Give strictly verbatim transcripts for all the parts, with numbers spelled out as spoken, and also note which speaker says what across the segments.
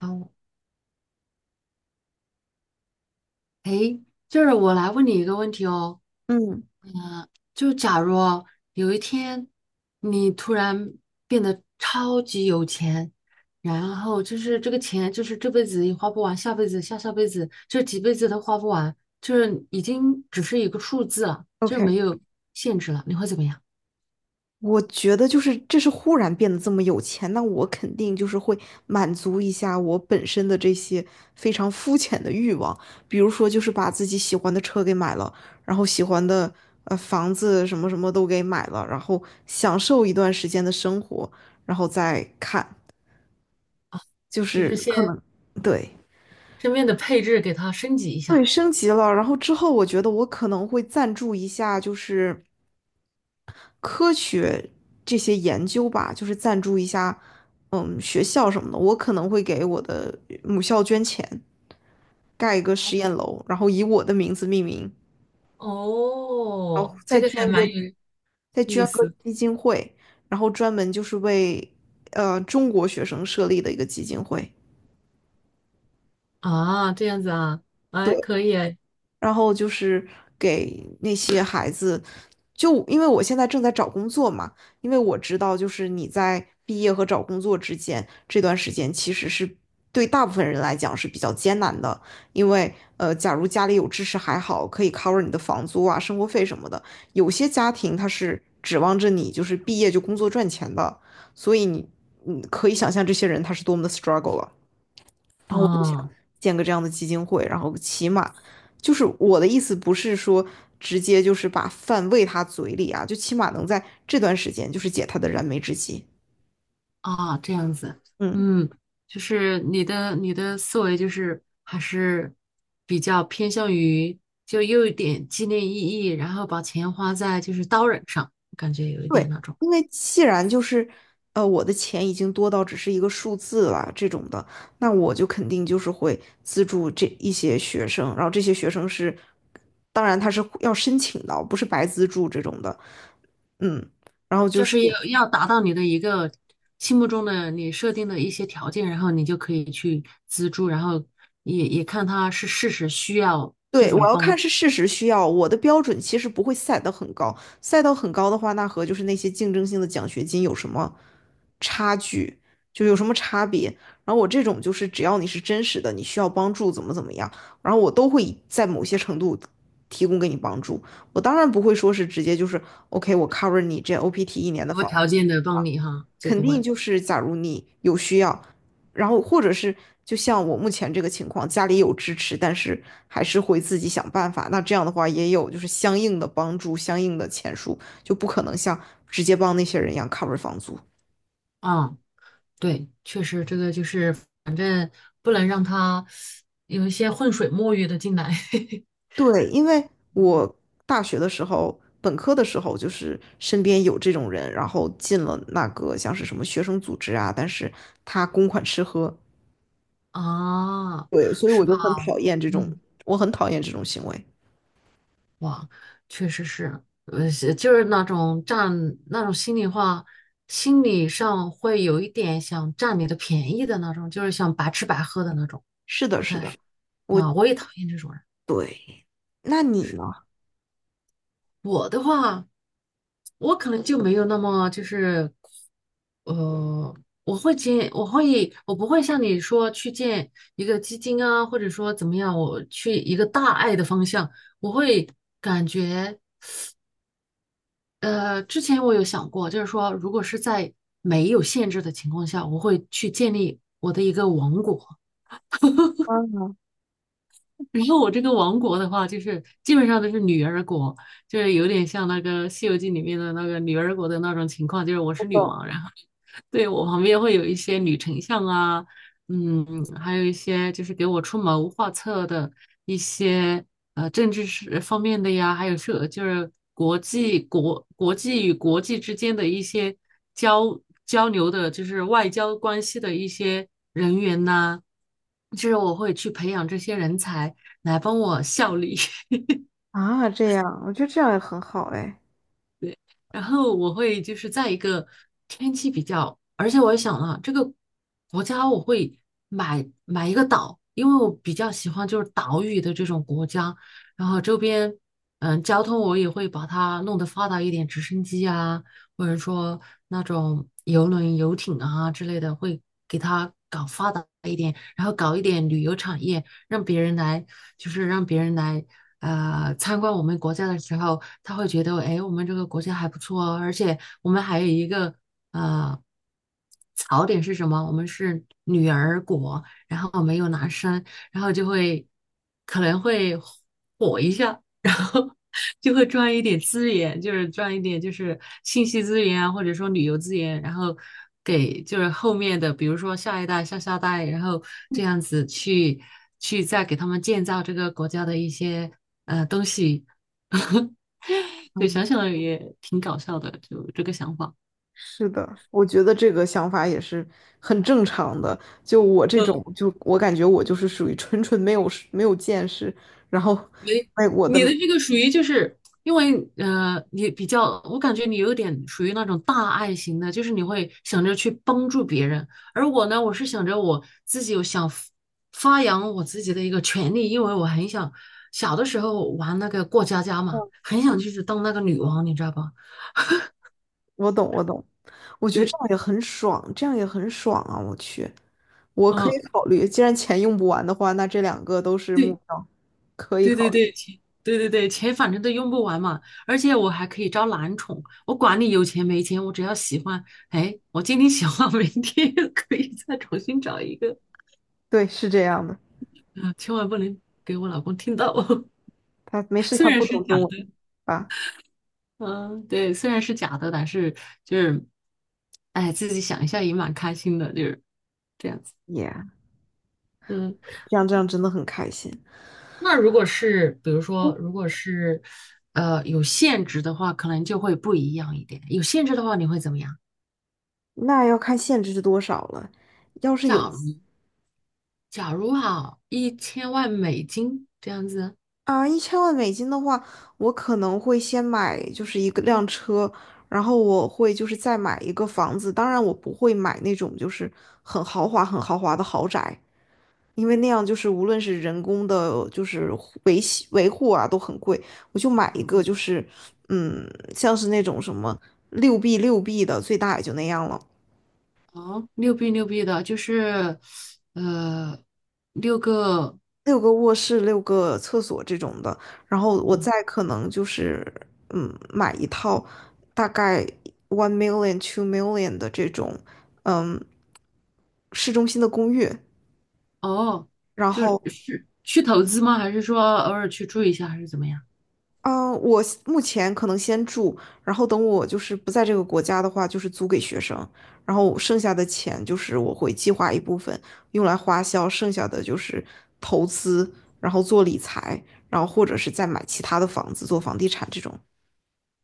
Speaker 1: 哦，诶，就是我来问你一个问题哦。
Speaker 2: 嗯
Speaker 1: 就假如有一天你突然变得超级有钱，然后就是这个钱就是这辈子也花不完，下辈子、下下辈子，就几辈子都花不完，就是已经只是一个数字了，就是没
Speaker 2: ，OK，
Speaker 1: 有限制了，你会怎么样？
Speaker 2: 我觉得就是这是忽然变得这么有钱，那我肯定就是会满足一下我本身的这些非常肤浅的欲望，比如说就是把自己喜欢的车给买了，然后喜欢的呃房子什么什么都给买了，然后享受一段时间的生活，然后再看，就
Speaker 1: 就是
Speaker 2: 是可
Speaker 1: 先
Speaker 2: 能对，
Speaker 1: 身边的配置给它升级一
Speaker 2: 对，
Speaker 1: 下。
Speaker 2: 升级了，然后之后我觉得我可能会赞助一下，就是。科学这些研究吧，就是赞助一下，嗯，学校什么的，我可能会给我的母校捐钱，盖一个实验楼，然后以我的名字命名，然后
Speaker 1: 哦，
Speaker 2: 再
Speaker 1: 这个还
Speaker 2: 捐
Speaker 1: 蛮
Speaker 2: 个
Speaker 1: 有
Speaker 2: 再
Speaker 1: 意
Speaker 2: 捐个
Speaker 1: 思。
Speaker 2: 基金会，然后专门就是为呃中国学生设立的一个基金会。
Speaker 1: 啊，这样子啊，哎，可以哎，
Speaker 2: 然后就是给那些孩子，就因为我现在正在找工作嘛，因为我知道就是你在毕业和找工作之间这段时间其实是。对大部分人来讲是比较艰难的，因为呃，假如家里有支持还好，可以 cover 你的房租啊、生活费什么的。有些家庭他是指望着你就是毕业就工作赚钱的，所以你你可以想象这些人他是多么的 struggle 了。然后我就想
Speaker 1: 啊。
Speaker 2: 建个这样的基金会，然后起码就是我的意思不是说直接就是把饭喂他嘴里啊，就起码能在这段时间就是解他的燃眉之急。
Speaker 1: 啊，这样子，
Speaker 2: 嗯，
Speaker 1: 嗯，就是你的你的思维就是还是比较偏向于就又有一点纪念意义，然后把钱花在就是刀刃上，感觉有一点
Speaker 2: 对，
Speaker 1: 那种，
Speaker 2: 因为既然就是呃我的钱已经多到只是一个数字了这种的，那我就肯定就是会资助这一些学生，然后这些学生是，当然他是要申请的，不是白资助这种的。嗯，然后就
Speaker 1: 就
Speaker 2: 是。
Speaker 1: 是要要达到你的一个心目中的你设定的一些条件，然后你就可以去资助，然后也也看他是事实需要这
Speaker 2: 对，我
Speaker 1: 种
Speaker 2: 要看
Speaker 1: 帮，
Speaker 2: 是事实需要，我的标准其实不会赛得很高，赛到很高的话，那和就是那些竞争性的奖学金有什么差距，就有什么差别。然后我这种就是只要你是真实的，你需要帮助怎么怎么样，然后我都会在某些程度提供给你帮助。我当然不会说是直接就是 OK，我 cover 你这 O P T 一年的
Speaker 1: 无
Speaker 2: 房。
Speaker 1: 条件的帮你哈，就
Speaker 2: 肯
Speaker 1: 不
Speaker 2: 定
Speaker 1: 会。
Speaker 2: 就是假如你有需要，然后或者是就像我目前这个情况，家里有支持，但是还是会自己想办法。那这样的话也有就是相应的帮助，相应的钱数，就不可能像直接帮那些人一样 cover 房租。
Speaker 1: 啊。对，确实这个就是，反正不能让他有一些浑水摸鱼的进来。
Speaker 2: 对，因为我大学的时候，本科的时候就是身边有这种人，然后进了那个像是什么学生组织啊，但是他公款吃喝，
Speaker 1: 啊，
Speaker 2: 对，所以我
Speaker 1: 是吧？
Speaker 2: 就很讨厌这种，
Speaker 1: 嗯，
Speaker 2: 我很讨厌这种行为。
Speaker 1: 哇，确实是，呃，是就是那种占那种心里话，心理上会有一点想占你的便宜的那种，就是想白吃白喝的那种，
Speaker 2: 是的，
Speaker 1: 不
Speaker 2: 是
Speaker 1: 太。
Speaker 2: 的，我
Speaker 1: 啊，我也讨厌这种人。
Speaker 2: 对，那你
Speaker 1: 是
Speaker 2: 呢？
Speaker 1: 我的话。我可能就没有那么就是，呃，我会见，我会，我不会像你说去建一个基金啊，或者说怎么样，我去一个大爱的方向，我会感觉，呃，之前我有想过，就是说，如果是在没有限制的情况下，我会去建立我的一个王国，然后我这个王国的话，就是基本上都是女儿国，就是有点像那个《西游记》里面的那个女儿国的那种情况，就是我是女王，然后。对，我旁边会有一些女丞相啊，嗯，还有一些就是给我出谋划策的一些呃政治是呃方面的呀，还有是就是国际国国际与国际之间的一些交交流的，就是外交关系的一些人员呐、就是我会去培养这些人才来帮我效力。
Speaker 2: 啊，这样，我觉得这样也很好哎。
Speaker 1: 对，然后我会就是在一个天气比较，而且我也想了这个国家，我会买买一个岛，因为我比较喜欢就是岛屿的这种国家，然后周边嗯交通我也会把它弄得发达一点，直升机啊，或者说那种游轮、游艇啊之类的，会给它搞发达一点，然后搞一点旅游产业。让别人来，就是让别人来呃参观我们国家的时候，他会觉得，哎，我们这个国家还不错哦，而且我们还有一个呃槽点是什么？我们是女儿国，然后没有男生，然后就会可能会火一下，然后 就会赚一点资源，就是赚一点就是信息资源啊，或者说旅游资源，然后给就是后面的，比如说下一代、下下代，然后这样子去去再给他们建造这个国家的一些呃东西。就
Speaker 2: 嗯，
Speaker 1: 想想也挺搞笑的，就这个想法。
Speaker 2: 是的，我觉得这个想法也是很正常的。就我这种，
Speaker 1: 嗯，
Speaker 2: 就我感觉我就是属于纯纯没有没有见识，然后，哎，我的，
Speaker 1: 你的
Speaker 2: 嗯
Speaker 1: 这个属于就是因为呃，你比较，我感觉你有点属于那种大爱型的，就是你会想着去帮助别人，而我呢，我是想着我自己有想发发扬我自己的一个权利，因为我很想小的时候玩那个过家家嘛，很想就是当那个女王，你知道吧？
Speaker 2: 我懂，我懂，我觉得这
Speaker 1: 对，
Speaker 2: 样也很爽，这样也很爽啊！我去，我可
Speaker 1: 嗯、
Speaker 2: 以考虑，既然钱用不完的话，那这两个都是目
Speaker 1: 对。
Speaker 2: 标，可以
Speaker 1: 对对
Speaker 2: 考虑。
Speaker 1: 对，钱，对对对，钱反正都用不完嘛，而且我还可以招男宠，我管你有钱没钱，我只要喜欢，哎，我今天喜欢，明天又可以再重新找一个，
Speaker 2: 对，是这样的。
Speaker 1: 嗯，千万不能给我老公听到，哦。
Speaker 2: 他没事，
Speaker 1: 虽
Speaker 2: 他
Speaker 1: 然
Speaker 2: 不
Speaker 1: 是
Speaker 2: 懂
Speaker 1: 假
Speaker 2: 中文
Speaker 1: 的，
Speaker 2: 吧
Speaker 1: 嗯，对，虽然是假的，但是就是，哎，自己想一下也蛮开心的，就是这样子。
Speaker 2: ？Yeah。
Speaker 1: 嗯，
Speaker 2: 这样这样真的很开心。
Speaker 1: 那如果是比如说，如果是呃有限制的话，可能就会不一样一点，有限制的话你会怎么样？
Speaker 2: 那要看限制是多少了。要是有
Speaker 1: 假如。假如哈，一千万美金这样子。
Speaker 2: 啊一千万美金的话，我可能会先买就是一个辆车，然后我会就是再买一个房子。当然，我不会买那种就是很豪华、很豪华的豪宅，因为那样就是无论是人工的，就是维系维护啊都很贵。我就买一个就是嗯，像是那种什么六 B 六 B 的，最大也就那样了。
Speaker 1: 哦，六币六币的，就是呃六个。
Speaker 2: 六个卧室、六个厕所这种的，然后我
Speaker 1: 哦
Speaker 2: 再可能就是嗯买一套大概 one million、two million 的这种嗯市中心的公寓，
Speaker 1: 哦，
Speaker 2: 然
Speaker 1: 就是
Speaker 2: 后
Speaker 1: 是去投资吗？还是说偶尔去住一下，还是怎么样？
Speaker 2: 嗯，呃我目前可能先住，然后等我就是不在这个国家的话，就是租给学生，然后剩下的钱就是我会计划一部分用来花销，剩下的就是投资，然后做理财，然后或者是再买其他的房子做房地产这种。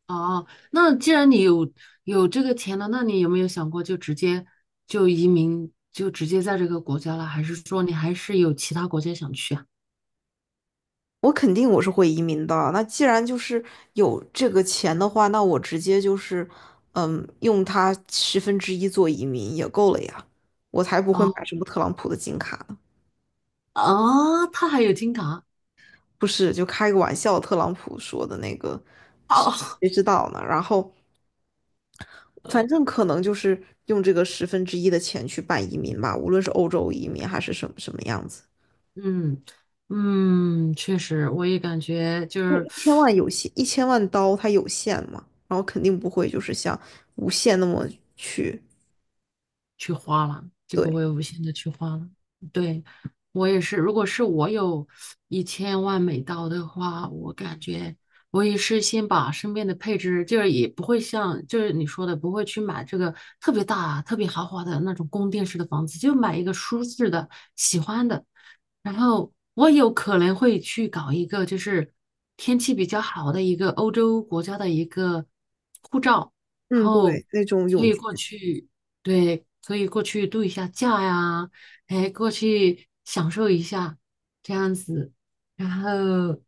Speaker 1: 哦，那既然你有有这个钱了，那你有没有想过就直接就移民，就直接在这个国家了？还是说你还是有其他国家想去啊？
Speaker 2: 我肯定我是会移民的。那既然就是有这个钱的话，那我直接就是，嗯，用它十分之一做移民也够了呀。我才不会买
Speaker 1: 哦
Speaker 2: 什么特朗普的金卡呢。
Speaker 1: 哦，他还有金卡
Speaker 2: 不是，就开个玩笑，特朗普说的那个，
Speaker 1: 哦。
Speaker 2: 谁知道呢？然后反正可能就是用这个十分之一的钱去办移民吧，无论是欧洲移民还是什么什么样子。
Speaker 1: 嗯嗯，确实，我也感觉就
Speaker 2: 因为
Speaker 1: 是
Speaker 2: 一千万有限，一千万刀它有限嘛，然后肯定不会就是像无限那么去。
Speaker 1: 去花了，就不
Speaker 2: 对。
Speaker 1: 会无限的去花了。对，我也是，如果是我有一千万美刀的话，我感觉我也是先把身边的配置，就是也不会像就是你说的，不会去买这个特别大、特别豪华的那种宫殿式的房子，就买一个舒适的、喜欢的。然后我有可能会去搞一个，就是天气比较好的一个欧洲国家的一个护照，然
Speaker 2: 嗯，
Speaker 1: 后
Speaker 2: 对，那种
Speaker 1: 可
Speaker 2: 永
Speaker 1: 以过去，对，可以过去度一下假呀，哎，过去享受一下这样子。然后，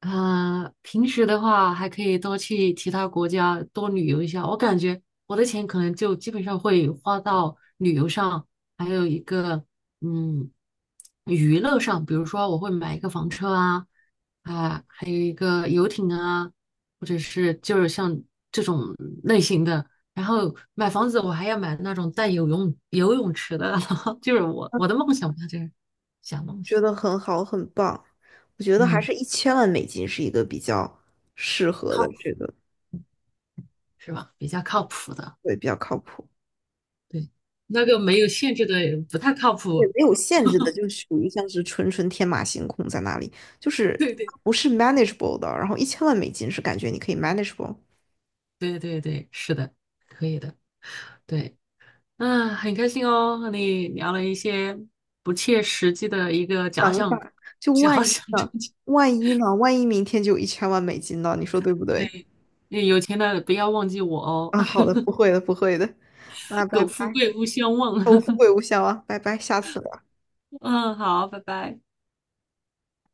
Speaker 1: 呃，平时的话还可以多去其他国家多旅游一下。我感觉我的钱可能就基本上会花到旅游上，还有一个。嗯，娱乐上，比如说我会买一个房车啊，啊，还有一个游艇啊，或者是就是像这种类型的。然后买房子，我还要买那种带游泳游泳池的，就是我我的梦想吧，就是小梦想东西。
Speaker 2: 觉得很好，很棒。我觉得还
Speaker 1: 嗯，
Speaker 2: 是一千万美金是一个比较适合
Speaker 1: 靠
Speaker 2: 的，
Speaker 1: 谱
Speaker 2: 这个
Speaker 1: 是吧？比较靠谱的，
Speaker 2: 对，比较靠谱。
Speaker 1: 对，那个没有限制的不太靠
Speaker 2: 对，
Speaker 1: 谱。
Speaker 2: 没有限制的，就属于像是纯纯天马行空在那里，就是
Speaker 1: 对对
Speaker 2: 不是 manageable 的。然后一千万美金是感觉你可以 manageable。
Speaker 1: 对对对，是的，可以的。对。嗯，很开心哦，和你聊了一些不切实际的一个假
Speaker 2: 等一下，
Speaker 1: 想，
Speaker 2: 就
Speaker 1: 假
Speaker 2: 万一
Speaker 1: 想
Speaker 2: 呢？
Speaker 1: 中钱
Speaker 2: 万一呢？万一明天就有一千万美金呢？你说对不对？
Speaker 1: 对，那有钱的不要忘记我哦，
Speaker 2: 啊，好的，不会的，不会的。那 拜
Speaker 1: 苟富
Speaker 2: 拜，
Speaker 1: 贵勿相忘。
Speaker 2: 我富贵 无效啊，拜拜，下次。
Speaker 1: 嗯，好，拜拜。